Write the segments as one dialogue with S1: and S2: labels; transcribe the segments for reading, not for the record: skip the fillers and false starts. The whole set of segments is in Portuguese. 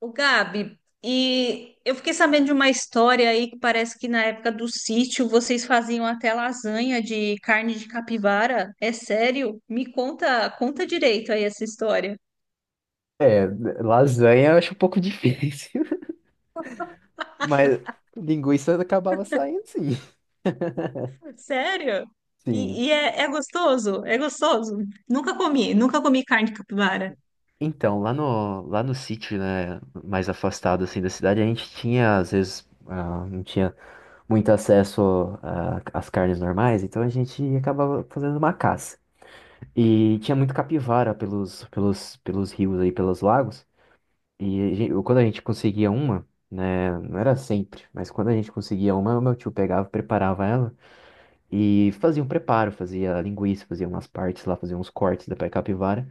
S1: O Gabi, e eu fiquei sabendo de uma história aí que parece que na época do sítio vocês faziam até lasanha de carne de capivara. É sério? Me conta, conta direito aí essa história.
S2: É, lasanha eu acho um pouco difícil, mas linguiça acabava saindo sim.
S1: Sério?
S2: Sim.
S1: E é gostoso? É gostoso? Nunca comi, nunca comi carne de capivara.
S2: Então, lá no sítio, né, mais afastado assim da cidade, a gente tinha, às vezes, não tinha muito acesso às carnes normais, então a gente acabava fazendo uma caça. E tinha muito capivara pelos rios aí, pelos lagos, e quando a gente conseguia uma, né, não era sempre, mas quando a gente conseguia uma, meu tio pegava, preparava ela. E fazia um preparo, fazia linguiça, fazia umas partes lá, fazia uns cortes da pé capivara.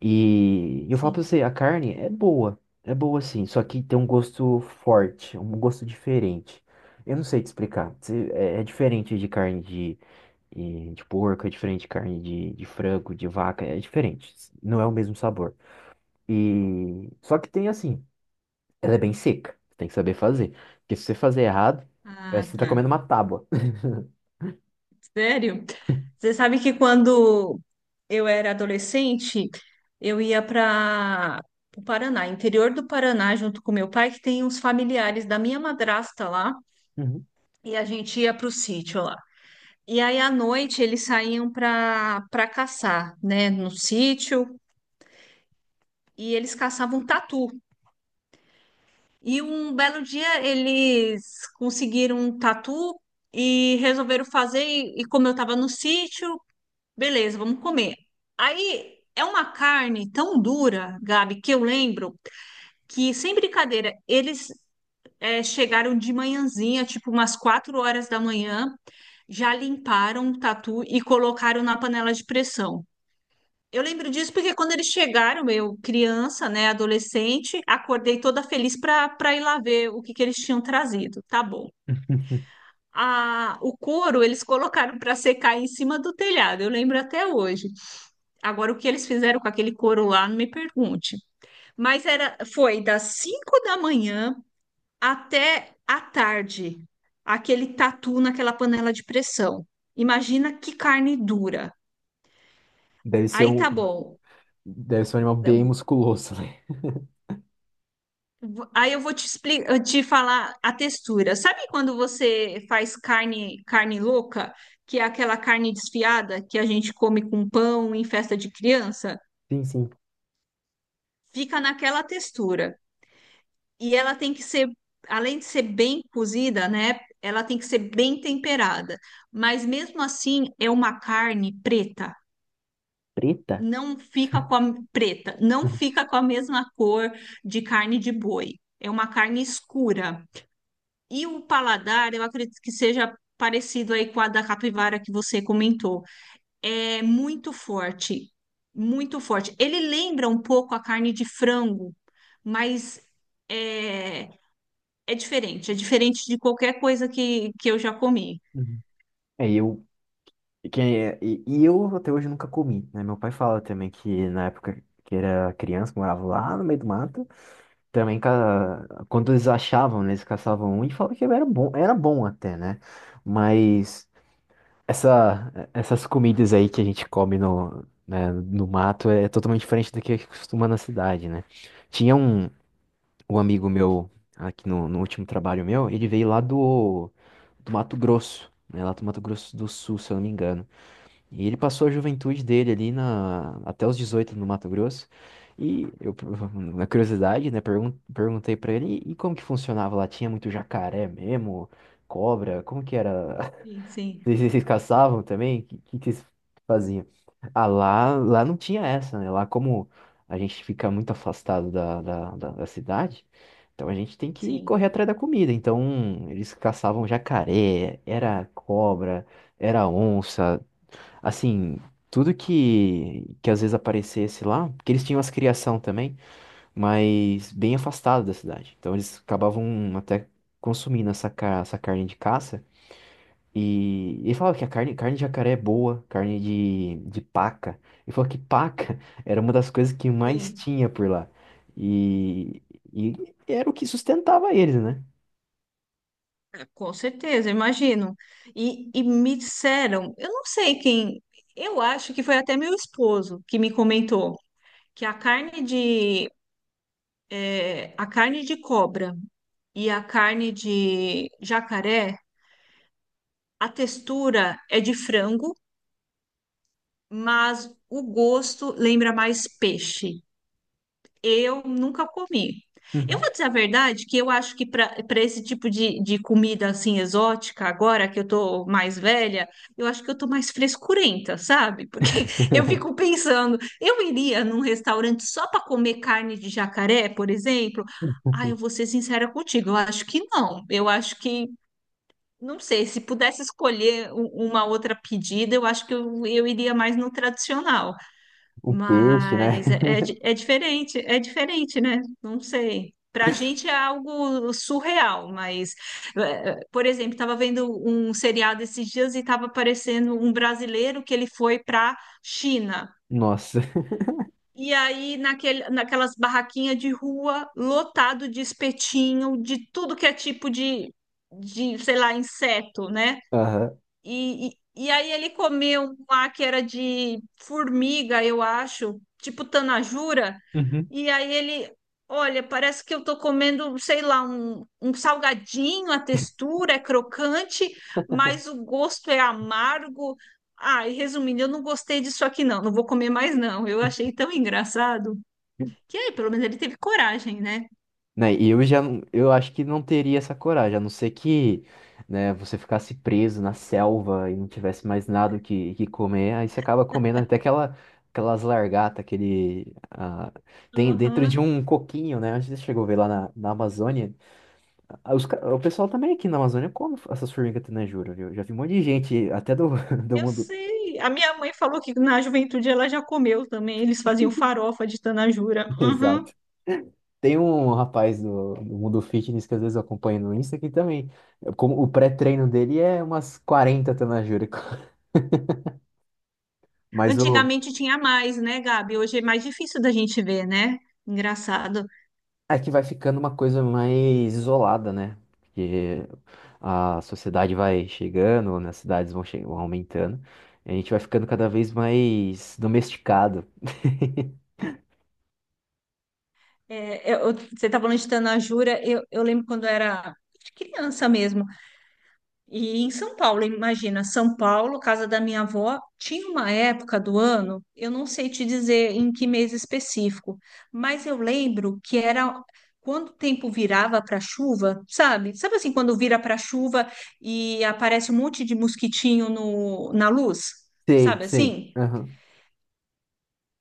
S2: E eu falo pra
S1: Sim.
S2: você, a carne é boa sim, só que tem um gosto forte, um gosto diferente. Eu não sei te explicar, é diferente de carne de, de porco, é diferente de carne de frango, de vaca, é diferente, não é o mesmo sabor. E só que tem assim, ela é bem seca, tem que saber fazer, porque se você fazer errado,
S1: Ah,
S2: parece que você tá comendo
S1: tá.
S2: uma tábua.
S1: Sério? Você sabe que quando eu era adolescente, eu ia para o Paraná, interior do Paraná, junto com meu pai, que tem uns familiares da minha madrasta lá,
S2: Uhum.
S1: e a gente ia para o sítio lá. E aí à noite eles saíam para caçar, né, no sítio, e eles caçavam tatu. E um belo dia eles conseguiram um tatu e resolveram fazer. E como eu estava no sítio, beleza, vamos comer. Aí é uma carne tão dura, Gabi, que eu lembro que, sem brincadeira, eles chegaram de manhãzinha, tipo umas 4 horas da manhã, já limparam o tatu e colocaram na panela de pressão. Eu lembro disso porque quando eles chegaram, eu, criança, né, adolescente, acordei toda feliz para ir lá ver o que que eles tinham trazido. Tá bom. A, o couro eles colocaram para secar em cima do telhado, eu lembro até hoje. Agora, o que eles fizeram com aquele couro lá, não me pergunte. Mas era, foi das 5 da manhã até a tarde, aquele tatu naquela panela de pressão. Imagina que carne dura.
S2: Deve ser
S1: Aí
S2: um.
S1: tá bom.
S2: Deve ser um animal bem musculoso, né?
S1: Aí eu vou te explicar, te falar a textura. Sabe quando você faz carne, carne louca, que é aquela carne desfiada que a gente come com pão em festa de criança?
S2: Sim, sim.
S1: Fica naquela textura. E ela tem que ser, além de ser bem cozida, né? Ela tem que ser bem temperada. Mas mesmo assim, é uma carne preta.
S2: Preta?
S1: Não fica com a preta, não fica com a mesma cor de carne de boi. É uma carne escura. E o paladar, eu acredito que seja parecido aí com a da capivara que você comentou. É muito forte, muito forte. Ele lembra um pouco a carne de frango, mas é, é diferente de qualquer coisa que eu já comi.
S2: Uhum. É, e eu, que, é- e eu até hoje nunca comi, né? Meu pai fala também que na época que era criança, que morava lá no meio do mato, também quando eles achavam, né, eles caçavam um e falavam que era bom até, né? Mas essas comidas aí que a gente come no, né, no mato é totalmente diferente do que costuma na cidade, né? Tinha o amigo meu, aqui no último trabalho meu, ele veio lá do Mato Grosso, né? Lá do Mato Grosso do Sul, se eu não me engano. E ele passou a juventude dele ali até os 18 no Mato Grosso. E eu, na curiosidade, né, perguntei pra ele, e como que funcionava lá? Tinha muito jacaré mesmo? Cobra? Como que era
S1: Sim, sim,
S2: vocês caçavam também? O que, que vocês faziam? Ah, lá não tinha essa, né? Lá como a gente fica muito afastado da cidade, então a gente tem que
S1: sim,
S2: correr atrás da comida. Então eles caçavam jacaré, era cobra, era onça, assim, tudo que às vezes aparecesse lá, porque eles tinham as criação também, mas bem afastado da cidade. Então eles acabavam até consumindo essa carne de caça e ele falava que carne de jacaré é boa, carne de paca. Ele falou que paca era uma das coisas que mais
S1: sim.
S2: tinha por lá. E, e era o que sustentava eles, né?
S1: É, com certeza, imagino. E me disseram, eu não sei quem, eu acho que foi até meu esposo que me comentou que a carne de, é, a carne de cobra e a carne de jacaré, a textura é de frango, mas o gosto lembra mais peixe. Eu nunca comi. Eu
S2: Uhum.
S1: vou dizer a verdade que eu acho que para esse tipo de comida assim exótica, agora que eu tô mais velha, eu acho que eu tô mais frescurenta, sabe? Porque eu fico pensando, eu iria num restaurante só para comer carne de jacaré, por exemplo? Ah, eu vou ser sincera contigo, eu acho que não. Eu acho que, não sei, se pudesse escolher uma outra pedida, eu acho que eu iria mais no tradicional.
S2: O peixe, né?
S1: Mas é, é, é diferente, né? Não sei. Para a gente é algo surreal, mas, por exemplo, estava vendo um seriado esses dias e estava aparecendo um brasileiro que ele foi para China.
S2: Nossa.
S1: E aí, naquele, naquelas barraquinhas de rua, lotado de espetinho, de tudo que é tipo de, sei lá, inseto, né?
S2: Aham.
S1: E, e, e aí ele comeu um lá que era de formiga, eu acho, tipo tanajura.
S2: Uhum.
S1: E aí ele, olha, parece que eu tô comendo, sei lá, um salgadinho, a textura é crocante, mas o gosto é amargo. Ah, e resumindo, eu não gostei disso aqui não, não vou comer mais não. Eu achei tão engraçado. Que aí, pelo menos ele teve coragem, né?
S2: Né, e eu já, eu acho que não teria essa coragem, a não ser que, né, você ficasse preso na selva e não tivesse mais nada o que, que comer, aí você acaba comendo até aquelas largatas, tem dentro de
S1: Aham.
S2: um coquinho, né, onde você chegou a ver lá na Amazônia. Ah, o pessoal também aqui na Amazônia come essas formigas tenejura, viu, já vi um monte de gente, até do, do
S1: Eu
S2: mundo,
S1: sei. A minha mãe falou que na juventude ela já comeu também. Eles faziam farofa de tanajura. Uhum.
S2: exato. Tem um rapaz do mundo fitness que às vezes eu acompanho no Insta que também, como o pré-treino dele é umas 40 tenajúrico. Mas o
S1: Antigamente tinha mais, né, Gabi? Hoje é mais difícil da gente ver, né? Engraçado.
S2: é que vai ficando uma coisa mais isolada, né? Porque a sociedade vai chegando, né? As cidades vão aumentando, e a gente vai ficando cada vez mais domesticado.
S1: É, você tá falando de tanajura. Eu lembro quando eu era de criança mesmo. E em São Paulo, imagina, São Paulo, casa da minha avó, tinha uma época do ano, eu não sei te dizer em que mês específico, mas eu lembro que era quando o tempo virava para chuva, sabe? Sabe assim, quando vira para chuva e aparece um monte de mosquitinho no, na luz,
S2: Sei,
S1: sabe
S2: sei.
S1: assim?
S2: Aham.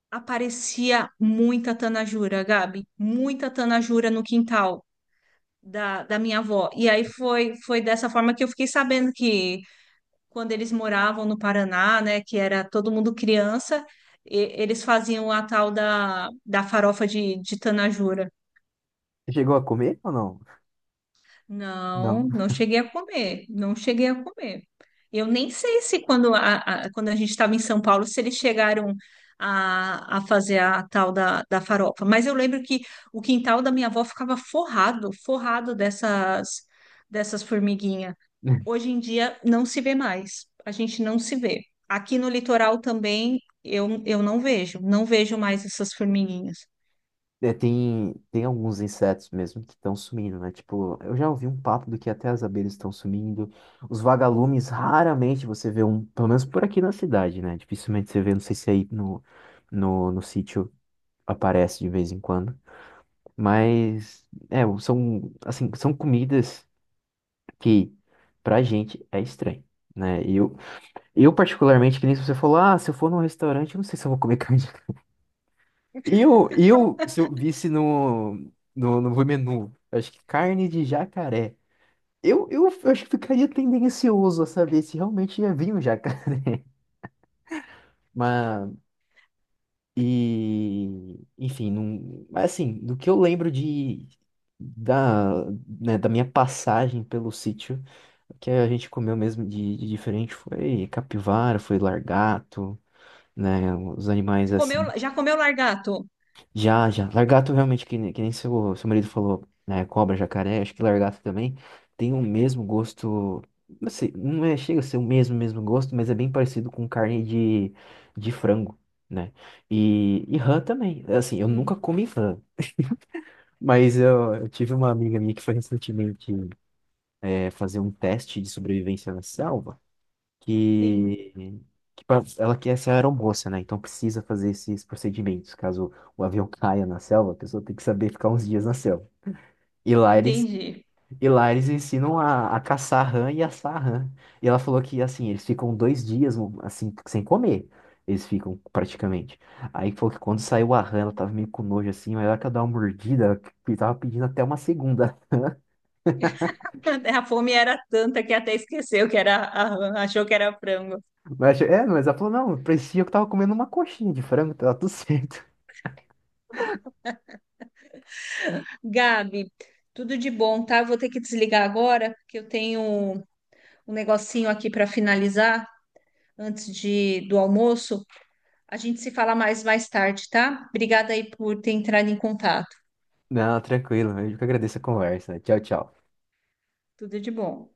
S1: Aparecia muita tanajura, Gabi, muita tanajura no quintal da, da minha avó. E aí foi, foi dessa forma que eu fiquei sabendo que quando eles moravam no Paraná, né, que era todo mundo criança, eles faziam a tal da, da farofa de tanajura.
S2: Você chegou a comer ou não? Não.
S1: Não, não cheguei a comer, não cheguei a comer. Eu nem sei se quando quando a gente estava em São Paulo, se eles chegaram a fazer a tal da, da farofa, mas eu lembro que o quintal da minha avó ficava forrado, forrado dessas, dessas formiguinhas. Hoje em dia não se vê mais. A gente não se vê. Aqui no litoral também eu não vejo, não vejo mais essas formiguinhas.
S2: É, tem alguns insetos mesmo que estão sumindo, né? Tipo, eu já ouvi um papo do que até as abelhas estão sumindo. Os vagalumes, raramente você vê um, pelo menos por aqui na cidade, né? Dificilmente você vê, não sei se aí no sítio aparece de vez em quando. Mas, é, são comidas que pra gente é estranho, né? Eu particularmente, que nem você falou, se eu for num restaurante, eu não sei se eu vou comer carne. Se eu visse no menu, acho que carne de jacaré. Eu acho que ficaria tendencioso a saber se realmente ia vir um jacaré. Mas, enfim, não, mas assim, do que eu lembro da, né, da minha passagem pelo sítio, o que a gente comeu mesmo de diferente foi capivara, foi largato, né, os animais
S1: Você comeu,
S2: assim.
S1: já comeu largato?
S2: Já, já. Lagarto realmente, que nem seu marido falou, né? Cobra, jacaré, acho que lagarto também tem o mesmo gosto. Não sei, não é, chega a ser o mesmo, mesmo gosto, mas é bem parecido com carne de frango, né? E rã também. Assim, eu nunca
S1: Sim,
S2: comi rã, mas eu tive uma amiga minha que foi recentemente fazer um teste de sobrevivência na selva
S1: sim,
S2: que, ela quer ser aeromoça, né? Então precisa fazer esses procedimentos. Caso o avião caia na selva, a pessoa tem que saber ficar uns dias na selva. E lá eles,
S1: entendi.
S2: e lá eles ensinam a caçar rã e assar rã. E ela falou que, assim, eles ficam dois dias, um, assim, sem comer. Eles ficam, praticamente. Aí falou que quando saiu a rã, ela tava meio com nojo, assim, mas ela que ela dá uma mordida, ela que tava pedindo até uma segunda.
S1: A fome era tanta que até esqueceu que era, achou que era frango.
S2: Mas ela falou, não, parecia que eu tava comendo uma coxinha de frango, tava tudo certo.
S1: Gabi, tudo de bom, tá? Eu vou ter que desligar agora, porque eu tenho um negocinho aqui para finalizar antes de, do almoço. A gente se fala mais tarde, tá? Obrigada aí por ter entrado em contato.
S2: Não, tranquilo. Eu que agradeço a conversa. Tchau, tchau.
S1: Tudo de bom.